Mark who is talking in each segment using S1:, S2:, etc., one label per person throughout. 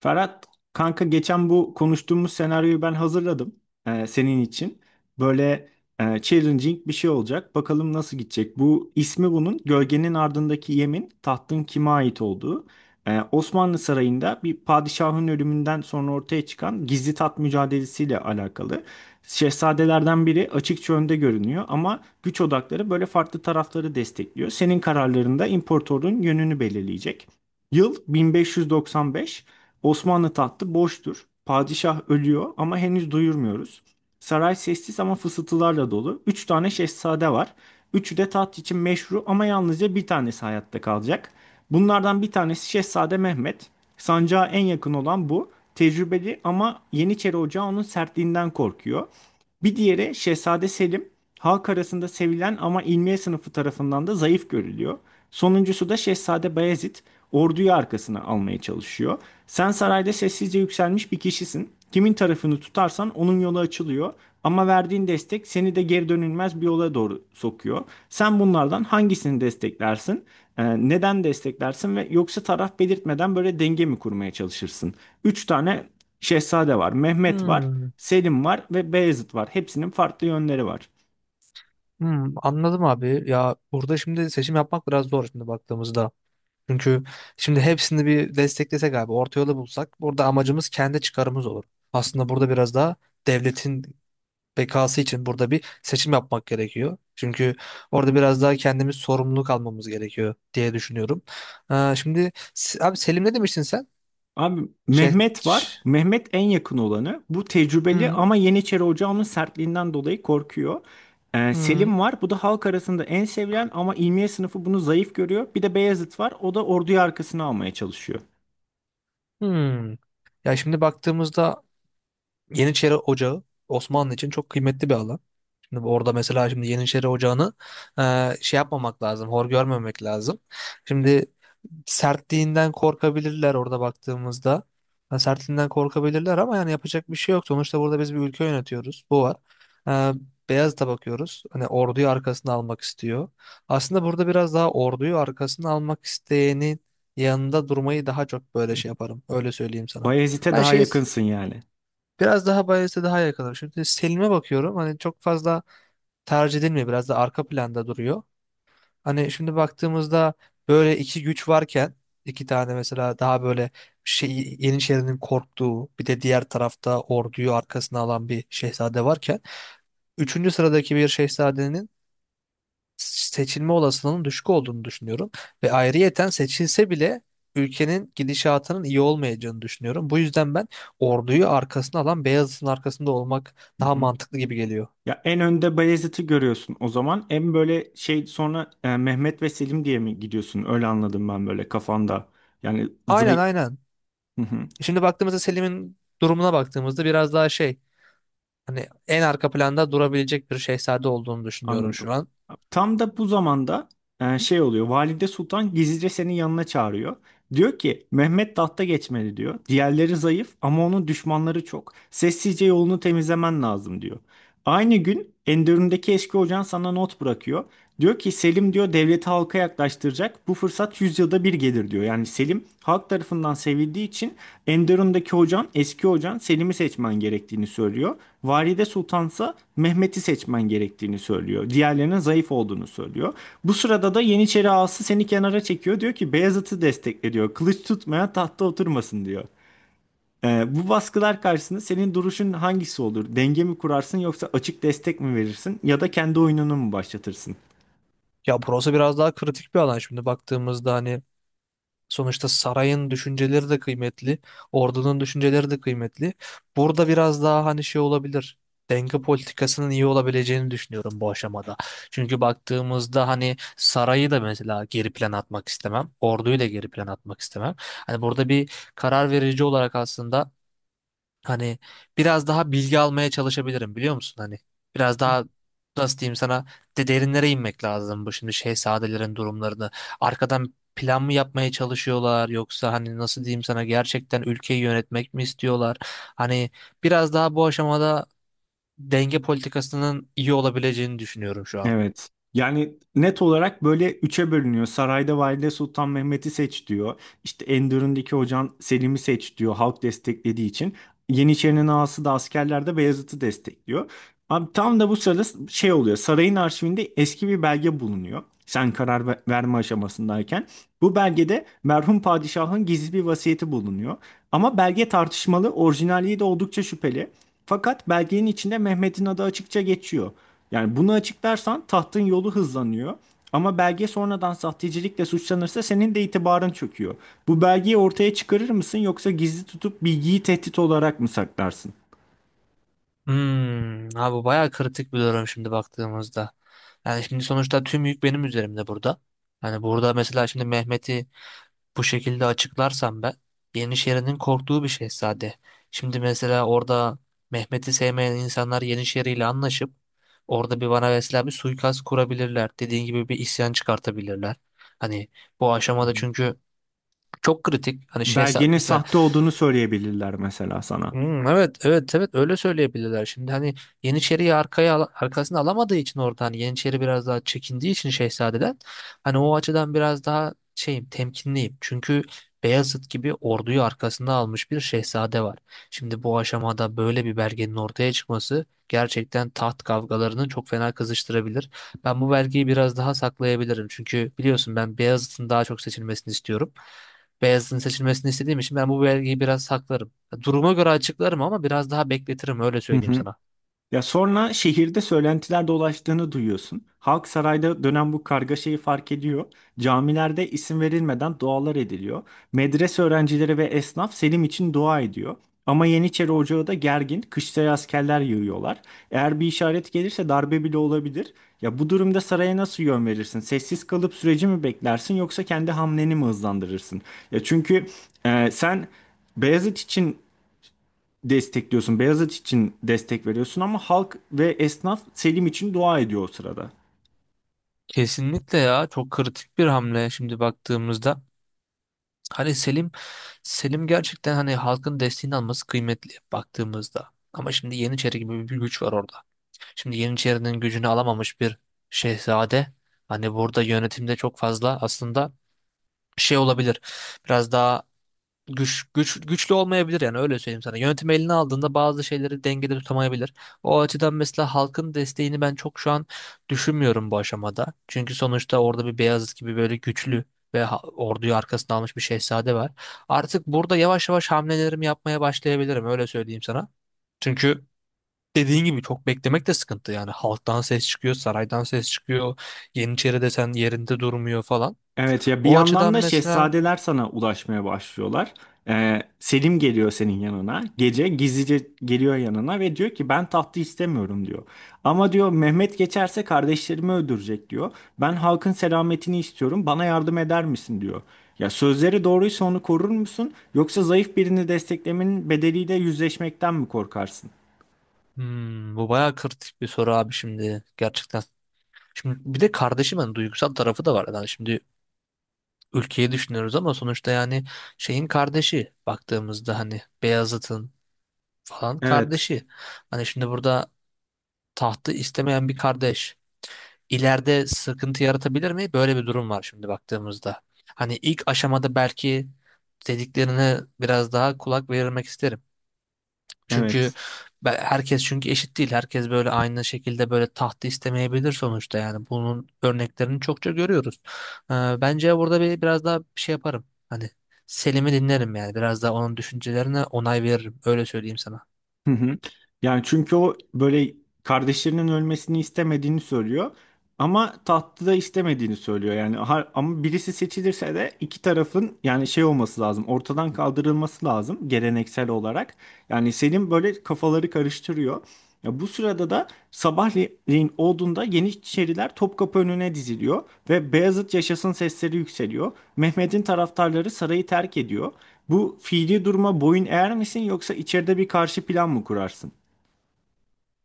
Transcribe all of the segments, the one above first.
S1: Ferhat kanka geçen bu konuştuğumuz senaryoyu ben hazırladım senin için. Böyle challenging bir şey olacak. Bakalım nasıl gidecek. Bu ismi bunun Gölgenin Ardındaki Yemin tahtın kime ait olduğu. Osmanlı Sarayı'nda bir padişahın ölümünden sonra ortaya çıkan gizli taht mücadelesiyle alakalı. Şehzadelerden biri açıkça önde görünüyor ama güç odakları böyle farklı tarafları destekliyor. Senin kararlarında imparatorun yönünü belirleyecek. Yıl 1595. Osmanlı tahtı boştur. Padişah ölüyor ama henüz duyurmuyoruz. Saray sessiz ama fısıltılarla dolu. Üç tane şehzade var. Üçü de taht için meşru ama yalnızca bir tanesi hayatta kalacak. Bunlardan bir tanesi Şehzade Mehmet. Sancağa en yakın olan bu. Tecrübeli ama Yeniçeri Ocağı onun sertliğinden korkuyor. Bir diğeri Şehzade Selim, halk arasında sevilen ama ilmiye sınıfı tarafından da zayıf görülüyor. Sonuncusu da Şehzade Bayezid, orduyu arkasına almaya çalışıyor. Sen sarayda sessizce yükselmiş bir kişisin. Kimin tarafını tutarsan onun yolu açılıyor. Ama verdiğin destek seni de geri dönülmez bir yola doğru sokuyor. Sen bunlardan hangisini desteklersin? Neden desteklersin ve yoksa taraf belirtmeden böyle denge mi kurmaya çalışırsın? Üç tane şehzade var. Mehmet var.
S2: Hmm,
S1: Selim var ve Beyazıt var. Hepsinin farklı yönleri var.
S2: hmm, anladım abi. Ya burada şimdi seçim yapmak biraz zor şimdi baktığımızda. Çünkü şimdi hepsini bir desteklesek abi, orta yolu bulsak burada amacımız kendi çıkarımız olur. Aslında burada biraz daha devletin bekası için burada bir seçim yapmak gerekiyor. Çünkü orada biraz daha kendimiz sorumluluk almamız gerekiyor diye düşünüyorum. Şimdi abi Selim ne demiştin sen?
S1: Abi
S2: Şey,
S1: Mehmet var.
S2: ş-
S1: Mehmet en yakın olanı. Bu tecrübeli
S2: hmm,
S1: ama Yeniçeri Ocağı'nın sertliğinden dolayı korkuyor.
S2: hmm,
S1: Selim var. Bu da halk arasında en sevilen ama ilmiye sınıfı bunu zayıf görüyor. Bir de Beyazıt var. O da orduyu arkasına almaya çalışıyor.
S2: hmm. Ya şimdi baktığımızda Yeniçeri Ocağı Osmanlı için çok kıymetli bir alan. Şimdi orada mesela şimdi Yeniçeri Ocağı'nı yapmamak lazım, hor görmemek lazım. Şimdi sertliğinden korkabilirler orada baktığımızda. Ha, sertliğinden korkabilirler ama yani yapacak bir şey yok. Sonuçta burada biz bir ülke yönetiyoruz. Bu var. E, Beyazıt'a bakıyoruz. Hani orduyu arkasına almak istiyor. Aslında burada biraz daha orduyu arkasına almak isteyenin yanında durmayı daha çok böyle şey yaparım. Öyle söyleyeyim sana.
S1: Bayezid'e
S2: Ben
S1: daha
S2: şey
S1: yakınsın yani.
S2: Biraz daha Bias'e daha yakınım. Şimdi Selim'e bakıyorum. Hani çok fazla tercih edilmiyor. Biraz da arka planda duruyor. Hani şimdi baktığımızda böyle iki güç varken iki tane mesela daha böyle şey, Yeniçeri'nin korktuğu bir de diğer tarafta orduyu arkasına alan bir şehzade varken üçüncü sıradaki bir şehzadenin seçilme olasılığının düşük olduğunu düşünüyorum. Ve ayrıyeten seçilse bile ülkenin gidişatının iyi olmayacağını düşünüyorum. Bu yüzden ben orduyu arkasına alan Beyazıt'ın arkasında olmak
S1: Hı
S2: daha
S1: hı.
S2: mantıklı gibi geliyor.
S1: Ya en önde Bayezid'i görüyorsun o zaman. En böyle şey sonra Mehmet ve Selim diye mi gidiyorsun? Öyle anladım ben böyle kafanda. Yani
S2: Aynen,
S1: zayıf.
S2: aynen. Şimdi baktığımızda Selim'in durumuna baktığımızda biraz daha hani en arka planda durabilecek bir şehzade olduğunu düşünüyorum
S1: Anladım.
S2: şu an.
S1: Tam da bu zamanda şey oluyor. Valide Sultan gizlice senin yanına çağırıyor. Diyor ki Mehmet tahta geçmeli diyor. Diğerleri zayıf ama onun düşmanları çok. Sessizce yolunu temizlemen lazım diyor. Aynı gün Enderun'daki eski hocan sana not bırakıyor. Diyor ki Selim diyor devleti halka yaklaştıracak. Bu fırsat yüzyılda bir gelir diyor. Yani Selim halk tarafından sevildiği için Enderun'daki hocan, eski hocan Selim'i seçmen gerektiğini söylüyor. Valide Sultansa Mehmet'i seçmen gerektiğini söylüyor. Diğerlerinin zayıf olduğunu söylüyor. Bu sırada da Yeniçeri ağası seni kenara çekiyor. Diyor ki Beyazıt'ı destekle diyor. Kılıç tutmayan tahta oturmasın diyor. Bu baskılar karşısında senin duruşun hangisi olur? Denge mi kurarsın yoksa açık destek mi verirsin ya da kendi oyununu mu başlatırsın?
S2: Ya burası biraz daha kritik bir alan şimdi baktığımızda hani sonuçta sarayın düşünceleri de kıymetli, ordunun düşünceleri de kıymetli. Burada biraz daha hani şey olabilir. Denge politikasının iyi olabileceğini düşünüyorum bu aşamada. Çünkü baktığımızda hani sarayı da mesela geri plan atmak istemem. Orduyu da geri plan atmak istemem. Hani burada bir karar verici olarak aslında hani biraz daha bilgi almaya çalışabilirim, biliyor musun? Hani biraz daha nasıl diyeyim sana, de derinlere inmek lazım bu şimdi şehzadelerin durumlarını. Arkadan plan mı yapmaya çalışıyorlar yoksa hani nasıl diyeyim sana, gerçekten ülkeyi yönetmek mi istiyorlar? Hani biraz daha bu aşamada denge politikasının iyi olabileceğini düşünüyorum şu an.
S1: Evet. Yani net olarak böyle üçe bölünüyor. Sarayda Valide Sultan Mehmet'i seç diyor. İşte Enderun'daki hocan Selim'i seç diyor halk desteklediği için. Yeniçerinin ağası da askerlerde Beyazıt'ı destekliyor. Abi tam da bu sırada şey oluyor. Sarayın arşivinde eski bir belge bulunuyor. Sen verme aşamasındayken. Bu belgede merhum padişahın gizli bir vasiyeti bulunuyor. Ama belge tartışmalı, orijinalliği de oldukça şüpheli. Fakat belgenin içinde Mehmet'in adı açıkça geçiyor. Yani bunu açıklarsan tahtın yolu hızlanıyor. Ama belge sonradan sahtecilikle suçlanırsa senin de itibarın çöküyor. Bu belgeyi ortaya çıkarır mısın yoksa gizli tutup bilgiyi tehdit olarak mı saklarsın?
S2: Hmm, ha, bu bayağı kritik bir durum şimdi baktığımızda. Yani şimdi sonuçta tüm yük benim üzerimde burada. Hani burada mesela şimdi Mehmet'i bu şekilde açıklarsam ben, Yenişehir'in korktuğu bir şehzade. Şimdi mesela orada Mehmet'i sevmeyen insanlar Yenişehir'iyle anlaşıp orada bir bana mesela bir suikast kurabilirler. Dediğin gibi bir isyan çıkartabilirler. Hani bu
S1: Hı
S2: aşamada
S1: hı.
S2: çünkü çok kritik. Hani şehzade
S1: Belgenin
S2: mesela.
S1: sahte olduğunu söyleyebilirler mesela sana.
S2: Hmm, evet, evet, evet, öyle söyleyebilirler. Şimdi hani Yeniçeri'yi arkasına alamadığı için orada hani Yeniçeri biraz daha çekindiği için şehzadeden hani o açıdan biraz daha şeyim, temkinliyim. Çünkü Beyazıt gibi orduyu arkasına almış bir şehzade var. Şimdi bu aşamada böyle bir belgenin ortaya çıkması gerçekten taht kavgalarını çok fena kızıştırabilir. Ben bu belgeyi biraz daha saklayabilirim. Çünkü biliyorsun, ben Beyazıt'ın daha çok seçilmesini istiyorum. Beyazıt'ın seçilmesini istediğim için ben bu belgeyi biraz saklarım. Duruma göre açıklarım ama biraz daha bekletirim, öyle
S1: Hı
S2: söyleyeyim
S1: hı.
S2: sana.
S1: Ya sonra şehirde söylentiler dolaştığını duyuyorsun. Halk sarayda dönen bu kargaşayı fark ediyor. Camilerde isim verilmeden dualar ediliyor. Medrese öğrencileri ve esnaf Selim için dua ediyor. Ama Yeniçeri Ocağı da gergin, kışlaya askerler yığıyorlar. Eğer bir işaret gelirse darbe bile olabilir. Ya bu durumda saraya nasıl yön verirsin? Sessiz kalıp süreci mi beklersin yoksa kendi hamleni mi hızlandırırsın? Ya çünkü sen Beyazıt için destekliyorsun. Beyazıt için destek veriyorsun ama halk ve esnaf Selim için dua ediyor o sırada.
S2: Kesinlikle, ya çok kritik bir hamle şimdi baktığımızda. Hani Selim gerçekten hani halkın desteğini alması kıymetli baktığımızda. Ama şimdi Yeniçeri gibi bir güç var orada. Şimdi Yeniçeri'nin gücünü alamamış bir şehzade. Hani burada yönetimde çok fazla aslında şey olabilir. Biraz daha güçlü olmayabilir yani, öyle söyleyeyim sana. Yönetim eline aldığında bazı şeyleri dengede tutamayabilir. O açıdan mesela halkın desteğini ben çok şu an düşünmüyorum bu aşamada. Çünkü sonuçta orada bir Beyazıt gibi böyle güçlü ve orduyu arkasına almış bir şehzade var. Artık burada yavaş yavaş hamlelerimi yapmaya başlayabilirim, öyle söyleyeyim sana. Çünkü dediğin gibi çok beklemek de sıkıntı yani. Halktan ses çıkıyor, saraydan ses çıkıyor, Yeniçeri desen yerinde durmuyor falan.
S1: Evet ya bir
S2: O açıdan
S1: yandan da
S2: mesela.
S1: şehzadeler sana ulaşmaya başlıyorlar. Selim geliyor senin yanına. Gece gizlice geliyor yanına ve diyor ki ben tahtı istemiyorum diyor. Ama diyor Mehmet geçerse kardeşlerimi öldürecek diyor. Ben halkın selametini istiyorum. Bana yardım eder misin diyor. Ya sözleri doğruysa onu korur musun? Yoksa zayıf birini desteklemenin bedeliyle yüzleşmekten mi korkarsın?
S2: Hmm, bu bayağı kritik bir soru abi, şimdi gerçekten. Şimdi bir de kardeşi, ben duygusal tarafı da var. Yani şimdi ülkeyi düşünüyoruz ama sonuçta yani şeyin kardeşi baktığımızda hani Beyazıt'ın falan
S1: Evet.
S2: kardeşi. Hani şimdi burada tahtı istemeyen bir kardeş ileride sıkıntı yaratabilir mi? Böyle bir durum var şimdi baktığımızda. Hani ilk aşamada belki dediklerine biraz daha kulak verilmek isterim. Çünkü
S1: Evet.
S2: herkes çünkü eşit değil. Herkes böyle aynı şekilde böyle tahtı istemeyebilir sonuçta yani. Bunun örneklerini çokça görüyoruz. Ee, Bence burada bir biraz daha bir şey yaparım. Hani Selim'i dinlerim yani. Biraz daha onun düşüncelerine onay veririm. Öyle söyleyeyim sana.
S1: Hı hı. Yani çünkü o böyle kardeşlerinin ölmesini istemediğini söylüyor ama tahtı da istemediğini söylüyor. Yani ama birisi seçilirse de iki tarafın yani şey olması lazım. Ortadan kaldırılması lazım geleneksel olarak. Yani Selim böyle kafaları karıştırıyor. Ya bu sırada da sabahleyin olduğunda Yeniçeriler Topkapı önüne diziliyor ve Beyazıt yaşasın sesleri yükseliyor. Mehmet'in taraftarları sarayı terk ediyor. Bu fiili duruma boyun eğer misin yoksa içeride bir karşı plan mı kurarsın?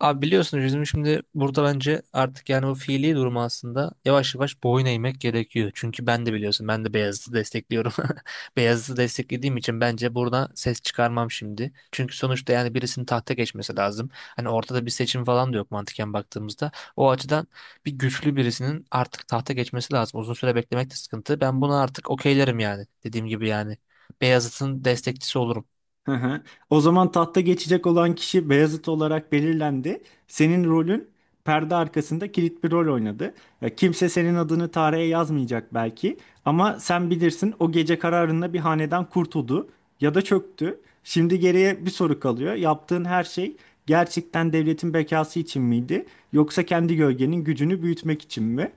S2: Abi biliyorsunuz, bizim şimdi burada bence artık yani o fiili durumu aslında yavaş yavaş boyun eğmek gerekiyor. Çünkü ben de biliyorsun, ben de Beyazıt'ı destekliyorum. Beyazıt'ı desteklediğim için bence burada ses çıkarmam şimdi. Çünkü sonuçta yani birisinin tahta geçmesi lazım. Hani ortada bir seçim falan da yok mantıken baktığımızda. O açıdan bir güçlü birisinin artık tahta geçmesi lazım. Uzun süre beklemek de sıkıntı. Ben buna artık okeylerim yani. Dediğim gibi yani Beyazıt'ın destekçisi olurum.
S1: Hı hı. O zaman tahta geçecek olan kişi Beyazıt olarak belirlendi. Senin rolün perde arkasında kilit bir rol oynadı. Ya, kimse senin adını tarihe yazmayacak belki ama sen bilirsin o gece kararında bir hanedan kurtuldu ya da çöktü. Şimdi geriye bir soru kalıyor. Yaptığın her şey gerçekten devletin bekası için miydi yoksa kendi gölgenin gücünü büyütmek için mi?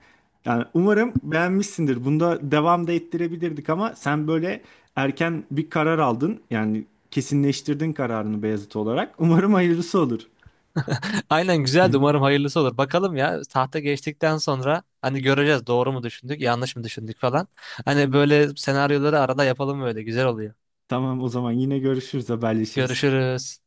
S1: Yani umarım beğenmişsindir. Bunda devam da ettirebilirdik ama sen böyle erken bir karar aldın. Yani kesinleştirdin kararını Beyazıt olarak. Umarım hayırlısı olur.
S2: Aynen, güzeldi. Umarım hayırlısı olur. Bakalım ya, tahta geçtikten sonra hani göreceğiz, doğru mu düşündük, yanlış mı düşündük falan. Hani böyle senaryoları arada yapalım, böyle güzel oluyor.
S1: Tamam o zaman yine görüşürüz, haberleşiriz.
S2: Görüşürüz.